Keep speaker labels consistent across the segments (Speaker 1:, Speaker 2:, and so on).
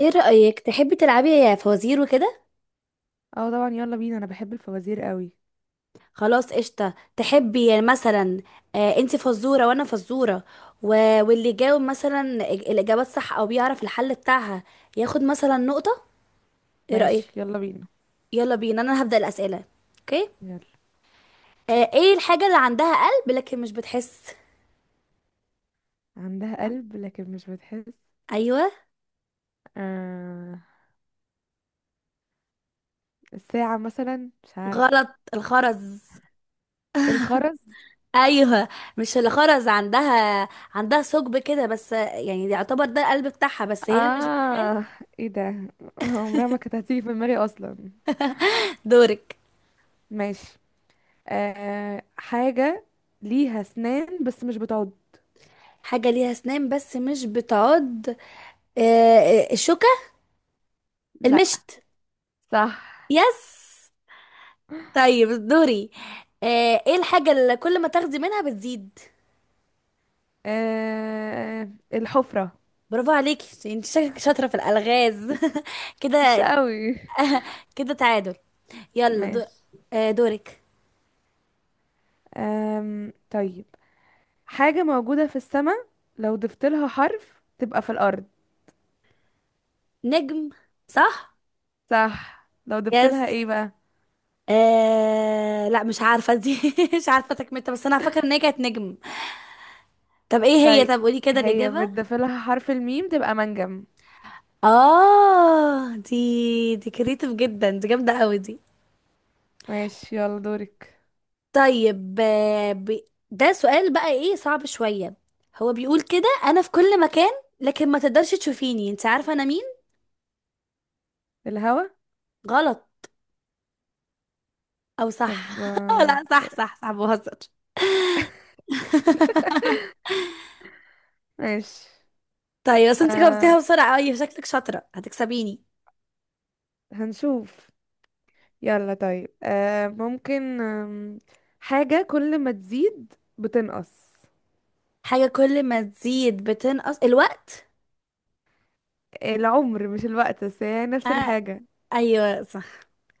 Speaker 1: ايه رأيك تحبي تلعبي يا فوازير وكده؟
Speaker 2: اه، طبعا يلا بينا، انا بحب الفوازير قوي.
Speaker 1: خلاص، قشطة. تحبي يعني مثلا، آه، انت فزورة وانا فزورة و... واللي يجاوب مثلا الإجابات صح او بيعرف الحل بتاعها، ياخد مثلا نقطة. ايه رأيك؟
Speaker 2: ماشي، يلا بينا.
Speaker 1: يلا بينا، انا هبدأ الأسئلة. اوكي.
Speaker 2: يلا.
Speaker 1: آه، ايه الحاجة اللي عندها قلب لكن مش بتحس؟
Speaker 2: عندها قلب لكن مش بتحس؟
Speaker 1: ايوه.
Speaker 2: آه. الساعة مثلا، مش عارفة.
Speaker 1: غلط. الخرز.
Speaker 2: الخرز.
Speaker 1: ايوه. مش الخرز عندها، عندها ثقب كده، بس يعني يعتبر ده القلب بتاعها، بس هي مش بتحس.
Speaker 2: اه، ايه ده، عمرها ما كانت هتيجي في دماغي اصلا.
Speaker 1: دورك.
Speaker 2: ماشي. حاجة ليها اسنان بس مش بتعض؟
Speaker 1: حاجة ليها أسنان بس مش بتعض. آه، الشوكة.
Speaker 2: لا.
Speaker 1: المشط.
Speaker 2: صح.
Speaker 1: يس. طيب، دوري. ايه الحاجة اللي كل ما تاخدي منها بتزيد؟
Speaker 2: الحفرة.
Speaker 1: برافو عليكي، انت شكلك شاطرة في الألغاز
Speaker 2: مش
Speaker 1: كده.
Speaker 2: قوي.
Speaker 1: كده تعادل. يلا.
Speaker 2: ماشي.
Speaker 1: دورك.
Speaker 2: طيب. حاجة موجودة في السماء، لو ضفت لها حرف تبقى في الأرض.
Speaker 1: نجم. صح.
Speaker 2: صح، لو ضفت لها
Speaker 1: يس.
Speaker 2: ايه بقى؟
Speaker 1: لا، مش عارفة دي مش عارفة تكملتها، بس أنا فاكرة إن هي كانت نجم. طب إيه هي؟
Speaker 2: طيب.
Speaker 1: طب قولي كده
Speaker 2: هي
Speaker 1: الإجابة.
Speaker 2: بتضيف لها حرف الميم تبقى منجم.
Speaker 1: اه، دي كريتيف جدا، دي جامده قوي دي.
Speaker 2: ماشي، يلا دورك.
Speaker 1: طيب، ده سؤال بقى، ايه، صعب شويه. هو بيقول كده، انا في كل مكان، لكن ما تقدرش تشوفيني، انت عارفه انا مين؟
Speaker 2: الهوا.
Speaker 1: غلط. او صح.
Speaker 2: طب
Speaker 1: لا، صح صح صح، بهزر.
Speaker 2: ماشي.
Speaker 1: طيب، بس انت
Speaker 2: آه
Speaker 1: جاوبتيها بسرعه، اي شكلك شاطره هتكسبيني.
Speaker 2: هنشوف. يلا، طيب، ممكن، حاجة كل ما تزيد بتنقص.
Speaker 1: حاجه كل ما تزيد بتنقص، الوقت.
Speaker 2: العمر، مش الوقت، بس هي نفس
Speaker 1: آه،
Speaker 2: الحاجة.
Speaker 1: ايوه، صح.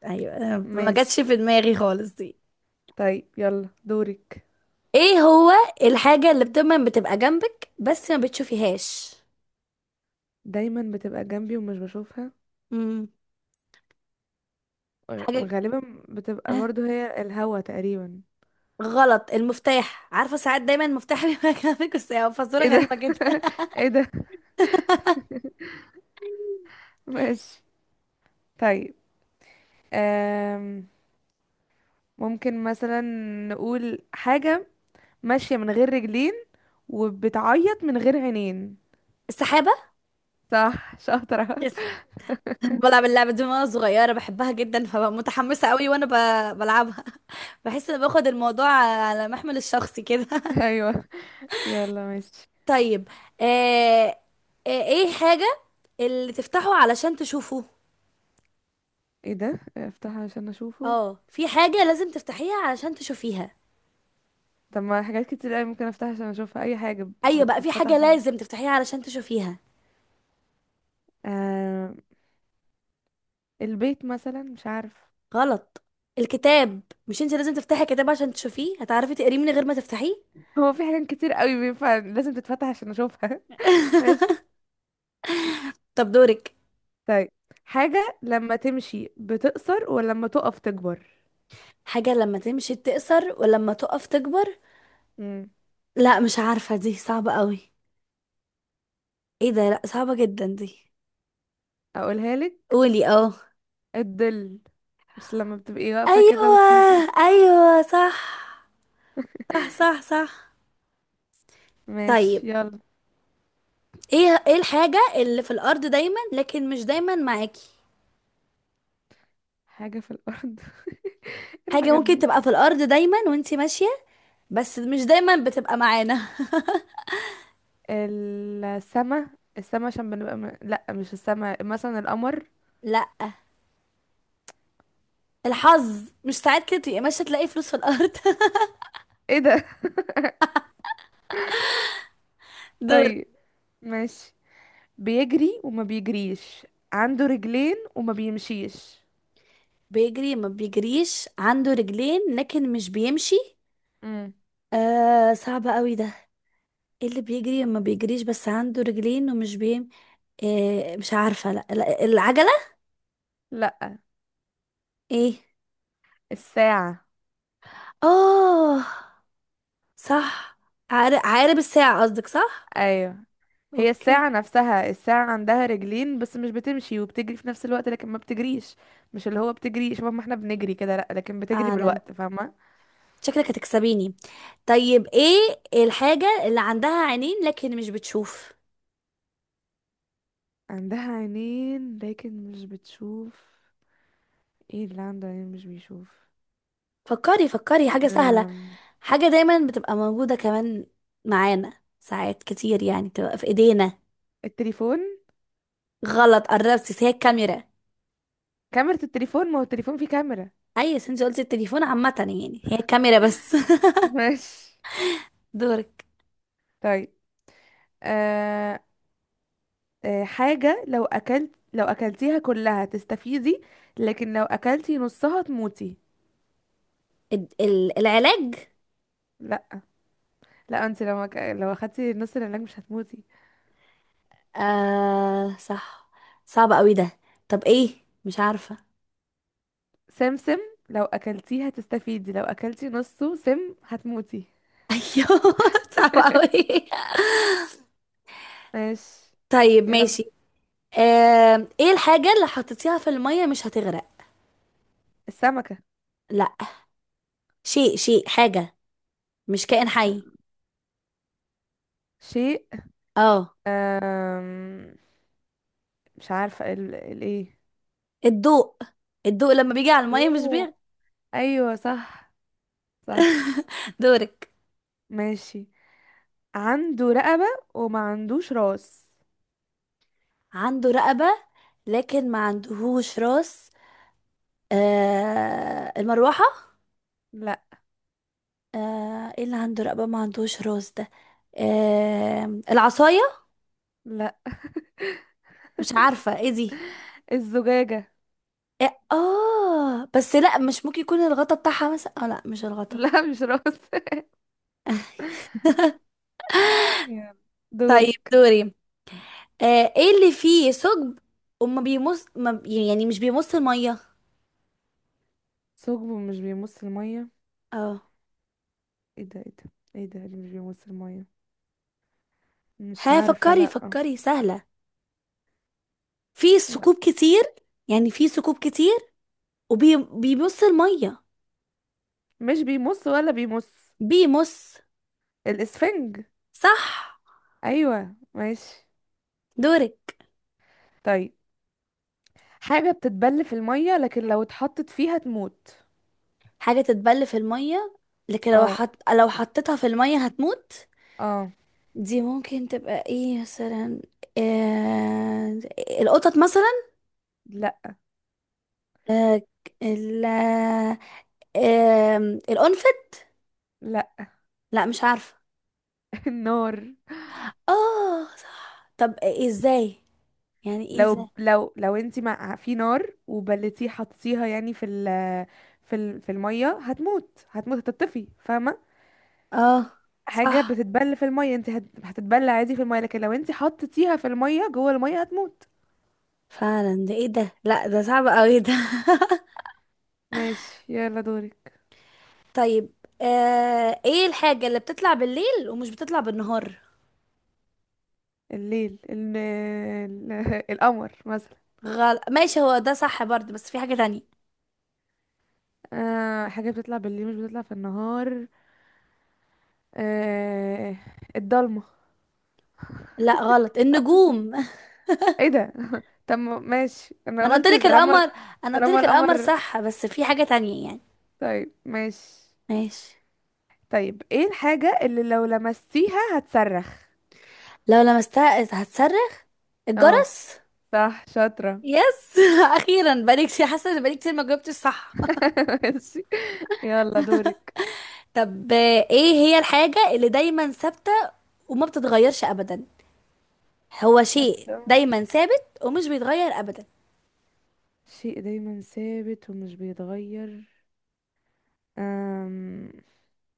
Speaker 1: ايوه، ما جاتش
Speaker 2: ماشي.
Speaker 1: في دماغي خالص دي.
Speaker 2: طيب، يلا دورك.
Speaker 1: ايه هو، الحاجة اللي دايما بتبقى جنبك بس ما بتشوفيهاش؟
Speaker 2: دايما بتبقى جنبي ومش بشوفها.
Speaker 1: امم. حاجة.
Speaker 2: غالبا بتبقى
Speaker 1: آه،
Speaker 2: برضو هي الهوا تقريبا.
Speaker 1: غلط، المفتاح، عارفة ساعات دايما المفتاح بيبقى جنبك، بس هي فزورة
Speaker 2: ايه ده.
Speaker 1: غريبة جدا.
Speaker 2: ايه ده. ماشي. طيب. أم... ممكن مثلا نقول حاجة ماشية من غير رجلين وبتعيط من غير عينين.
Speaker 1: السحابة.
Speaker 2: صح، شاطرة.
Speaker 1: يس. بلعب اللعبة دي من وانا صغيرة، بحبها جدا، فببقى متحمسة قوي وانا بلعبها بحس ان باخد الموضوع على محمل الشخصي كده
Speaker 2: ايوه، يلا ماشي.
Speaker 1: طيب. آه... ايه حاجة اللي تفتحه علشان تشوفه؟
Speaker 2: ايه ده؟ افتحها عشان اشوفه؟
Speaker 1: اه، في حاجة لازم تفتحيها علشان تشوفيها.
Speaker 2: طب ما حاجات كتير قوي ممكن افتحها عشان اشوفها، اي حاجة
Speaker 1: ايوه بقى، في
Speaker 2: بتتفتح
Speaker 1: حاجه
Speaker 2: عشان.
Speaker 1: لازم تفتحيها علشان تشوفيها.
Speaker 2: أم... البيت مثلا، مش عارف.
Speaker 1: غلط. الكتاب. مش انت لازم تفتحي كتاب عشان تشوفيه؟ هتعرفي تقريه من غير ما تفتحيه.
Speaker 2: هو في حاجات كتير قوي بينفع لازم تتفتح عشان اشوفها. ماشي.
Speaker 1: طب، دورك.
Speaker 2: طيب، حاجة لما تمشي بتقصر ولما تقف تكبر.
Speaker 1: حاجه لما تمشي تقصر ولما تقف تكبر.
Speaker 2: امم.
Speaker 1: لا، مش عارفه دي، صعبه قوي. ايه ده؟ لا، صعبه جدا دي.
Speaker 2: اقولها لك.
Speaker 1: قولي اه.
Speaker 2: الظل. مش لما بتبقي واقفة كده
Speaker 1: ايوه،
Speaker 2: بتحسي.
Speaker 1: ايوه، صح، صح، صح، صح. طيب،
Speaker 2: ماشي، يلا.
Speaker 1: ايه الحاجه اللي في الارض دايما لكن مش دايما معاكي؟
Speaker 2: حاجة في الأرض، إيه
Speaker 1: حاجه
Speaker 2: الحاجات
Speaker 1: ممكن
Speaker 2: دي؟
Speaker 1: تبقى في الارض دايما وانتي ماشيه، بس مش دايما بتبقى معانا.
Speaker 2: السما. السما عشان بنبقى لا، مش السما، مثلا القمر.
Speaker 1: لا. الحظ، مش ساعات كده تبقي ماشيه تلاقي فلوس في الارض؟
Speaker 2: ايه ده.
Speaker 1: دور.
Speaker 2: طيب، ماشي. بيجري وما بيجريش، عنده رجلين وما بيمشيش.
Speaker 1: بيجري ما بيجريش، عنده رجلين لكن مش بيمشي.
Speaker 2: امم.
Speaker 1: آه، صعب قوي ده. ايه اللي بيجري ما بيجريش بس عنده رجلين ومش. مش عارفه. لا، لا، العجله.
Speaker 2: لا.
Speaker 1: ايه؟
Speaker 2: الساعة.
Speaker 1: اه، صح. عقارب الساعه قصدك، صح.
Speaker 2: ايوه. هي
Speaker 1: اوكي.
Speaker 2: الساعة نفسها، الساعة عندها رجلين بس مش بتمشي، وبتجري في نفس الوقت لكن ما بتجريش. مش اللي هو بتجري شبه ما احنا بنجري كده، لأ، لكن بتجري
Speaker 1: فعلا.
Speaker 2: بالوقت، فاهمة.
Speaker 1: شكلك هتكسبيني. طيب، ايه الحاجه اللي عندها عينين لكن مش بتشوف؟
Speaker 2: عندها عينين لكن مش بتشوف. ايه اللي عنده عينين مش بيشوف؟
Speaker 1: فكري، فكري، حاجه سهله.
Speaker 2: أم...
Speaker 1: حاجة دايما بتبقى موجودة كمان، معانا ساعات كتير، يعني بتبقى في ايدينا.
Speaker 2: التليفون.
Speaker 1: غلط، قربتي، بس هي الكاميرا.
Speaker 2: كاميرا التليفون، ما هو التليفون فيه كاميرا.
Speaker 1: اي، بس انت قلتي التليفون عامة، يعني هي الكاميرا بس.
Speaker 2: ماشي.
Speaker 1: دورك.
Speaker 2: طيب. أه... حاجة لو أكلتيها كلها تستفيدي، لكن لو أكلتي نصها تموتي.
Speaker 1: العلاج.
Speaker 2: لأ، لأ، انت لو أخدتي نص العلاج مش هتموتي.
Speaker 1: آه، صح. صعب قوي ده. طب ايه؟ مش عارفة
Speaker 2: سمسم، لو اكلتيه هتستفيدي، لو اكلتي نصه سم هتموتي.
Speaker 1: ايوه. صعب قوي.
Speaker 2: ماشي،
Speaker 1: طيب،
Speaker 2: يلا.
Speaker 1: ماشي. آه، ايه الحاجة اللي حطيتيها في المية مش هتغرق؟
Speaker 2: السمكة.
Speaker 1: لا. شيء، شيء، حاجة. مش كائن حي.
Speaker 2: شيء.
Speaker 1: اه.
Speaker 2: أم... مش عارفة الايه.
Speaker 1: الضوء. الضوء لما بيجي على المية مش
Speaker 2: يوه.
Speaker 1: بيغ
Speaker 2: ايوه، صح، صح.
Speaker 1: دورك.
Speaker 2: ماشي. عنده رقبة وما عندوش راس.
Speaker 1: عنده رقبة لكن ما عندهوش راس. آه، المروحة.
Speaker 2: لا.
Speaker 1: آه، ايه اللي عنده رقبة ما عندهوش راس ده؟ آه، العصاية.
Speaker 2: لا.
Speaker 1: مش عارفة ايه دي.
Speaker 2: الزجاجة.
Speaker 1: إيه؟ اه بس لا، مش ممكن يكون الغطا بتاعها مثلا؟ اه لا، مش الغطا.
Speaker 2: لا، مش راس. يلا،
Speaker 1: طيب،
Speaker 2: دورك.
Speaker 1: دوري. آه، ايه اللي فيه ثقب وما بيمص، ما بي- يعني مش بيمص المية؟
Speaker 2: ثقب مش بيمص المية.
Speaker 1: اه.
Speaker 2: ايه ده، ايه ده، ايه ده اللي مش بيمص المية؟ مش
Speaker 1: ها،
Speaker 2: عارفة،
Speaker 1: فكري،
Speaker 2: لا.
Speaker 1: فكري، سهلة. في ثقوب كتير. يعني في ثقوب كتير، وبيمص المية.
Speaker 2: مش بيمص ولا بيمص.
Speaker 1: بيمص.
Speaker 2: الاسفنج.
Speaker 1: صح.
Speaker 2: ايوه، ماشي.
Speaker 1: دورك.
Speaker 2: طيب، حاجة بتتبل في المية لكن لو اتحطت فيها تموت.
Speaker 1: حاجة تتبل في المية لكن
Speaker 2: اه،
Speaker 1: لو حطيتها في المية هتموت.
Speaker 2: اه.
Speaker 1: دي ممكن تبقى ايه مثلا؟ آه... القطط مثلا.
Speaker 2: لا،
Speaker 1: آه... ال... القنفذ.
Speaker 2: لا.
Speaker 1: لا، مش عارفة.
Speaker 2: النار.
Speaker 1: اه، صح، طب إيه ازاي؟ يعني ايه ازاي؟
Speaker 2: لو انتي مع في نار، وبلتيه حطيتيها يعني في المية هتموت، هتموت، هتطفي، فاهمة.
Speaker 1: اه. صح،
Speaker 2: حاجة بتتبل في المية، انت هتتبل عادي في المية، لكن لو انتي حطيتيها في المية جوه المية هتموت.
Speaker 1: فعلا، ده ايه ده؟ لا، ده صعب قوي ده
Speaker 2: ماشي، يلا دورك.
Speaker 1: طيب، ايه الحاجة اللي بتطلع بالليل ومش بتطلع بالنهار؟
Speaker 2: القمر مثلا.
Speaker 1: غلط، ماشي، هو ده صح برضه بس في حاجة تانية.
Speaker 2: حاجة بتطلع بالليل مش بتطلع في النهار. آه الضلمة.
Speaker 1: لا، غلط، النجوم.
Speaker 2: ايه ده. طب ماشي،
Speaker 1: ما
Speaker 2: انا
Speaker 1: انا قلت
Speaker 2: قلت
Speaker 1: لك
Speaker 2: طالما.
Speaker 1: القمر. انا قلت
Speaker 2: طالما
Speaker 1: لك القمر
Speaker 2: القمر.
Speaker 1: صح، بس في حاجة تانية يعني.
Speaker 2: طيب، ماشي.
Speaker 1: ماشي.
Speaker 2: طيب، ايه الحاجة اللي لو لمستيها هتصرخ؟
Speaker 1: لو لمستها هتصرخ؟
Speaker 2: اه.
Speaker 1: الجرس.
Speaker 2: صح، شاطرة.
Speaker 1: يس اخيرا، بقالي كتير حاسه ان بقالي كتير ما جاوبتش صح.
Speaker 2: ماشي، يلا دورك.
Speaker 1: طب، ايه هي الحاجه اللي دايما ثابته وما بتتغيرش ابدا؟ هو شيء
Speaker 2: ثابتة.
Speaker 1: دايما ثابت ومش بيتغير ابدا.
Speaker 2: شيء دايما ثابت ومش بيتغير. أم...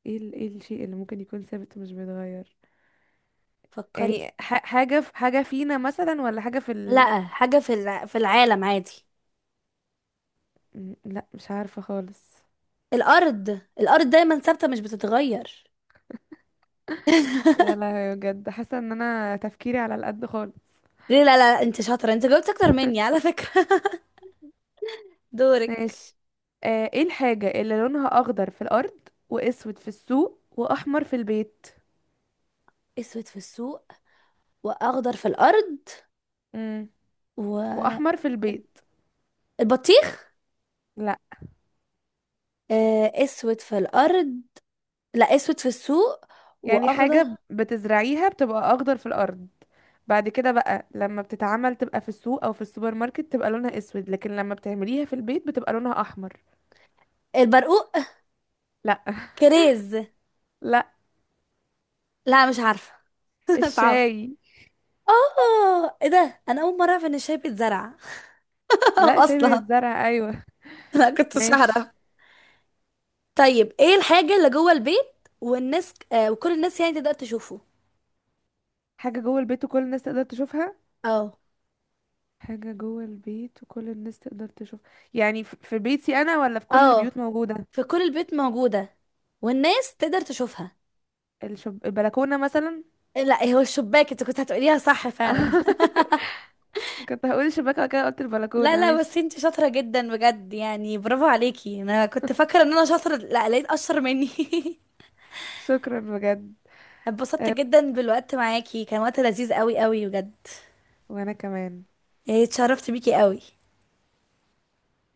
Speaker 2: ايه الشيء اللي ممكن يكون ثابت ومش بيتغير.
Speaker 1: فكري.
Speaker 2: يعني حاجة في حاجة فينا مثلا، ولا حاجة في.
Speaker 1: لا، حاجة في في العالم عادي.
Speaker 2: لا، مش عارفة خالص.
Speaker 1: الأرض. الأرض دايما ثابتة مش بتتغير.
Speaker 2: يا لهوي، بجد حاسة ان انا تفكيري على القد خالص.
Speaker 1: ليه؟ لا، لا، انت شاطرة، انت جاوبت أكتر مني على فكرة. دورك.
Speaker 2: ماشي. ايه الحاجة اللي لونها اخضر في الارض، واسود في السوق، واحمر في البيت؟
Speaker 1: أسود في السوق وأخضر في الأرض
Speaker 2: امم واحمر في
Speaker 1: والبطيخ؟
Speaker 2: البيت. لا،
Speaker 1: أسود في الأرض. لا، أسود في السوق
Speaker 2: يعني حاجة
Speaker 1: وأخضر.
Speaker 2: بتزرعيها، بتبقى اخضر في الارض، بعد كده بقى لما بتتعمل تبقى في السوق او في السوبر ماركت تبقى لونها اسود، لكن لما بتعمليها في البيت بتبقى لونها احمر.
Speaker 1: البرقوق.
Speaker 2: لا.
Speaker 1: كريز.
Speaker 2: لا.
Speaker 1: لا، مش عارفة. صعب.
Speaker 2: الشاي.
Speaker 1: اه، ايه ده؟ انا اول مره اعرف ان الشاي بيتزرع
Speaker 2: لا، شاي
Speaker 1: اصلا.
Speaker 2: بيتزرع، ايوه.
Speaker 1: انا كنتش اعرف.
Speaker 2: ماشي.
Speaker 1: طيب، ايه الحاجة اللي جوه البيت والناس، وكل الناس يعني تقدر تشوفه؟
Speaker 2: حاجة جوه البيت وكل الناس تقدر تشوفها.
Speaker 1: اه.
Speaker 2: حاجة جوه البيت وكل الناس تقدر تشوف. يعني في بيتي أنا ولا في كل
Speaker 1: اه،
Speaker 2: البيوت موجودة.
Speaker 1: في كل البيت موجودة والناس تقدر تشوفها.
Speaker 2: البلكونة مثلا.
Speaker 1: لا، هو الشباك، انت كنت هتقوليها صح فعلا
Speaker 2: كنت هقول الشباك وبعد كده قلت
Speaker 1: لا،
Speaker 2: البلكونة.
Speaker 1: لا، بس
Speaker 2: ماشي.
Speaker 1: انت شاطرة جدا بجد، يعني برافو عليكي، انا كنت فاكرة ان انا شاطرة، لا، لقيت اشطر مني.
Speaker 2: شكرا بجد.
Speaker 1: اتبسطت جدا بالوقت معاكي، كان وقت لذيذ قوي قوي بجد.
Speaker 2: وأنا كمان.
Speaker 1: إيه، اتشرفت بيكي قوي.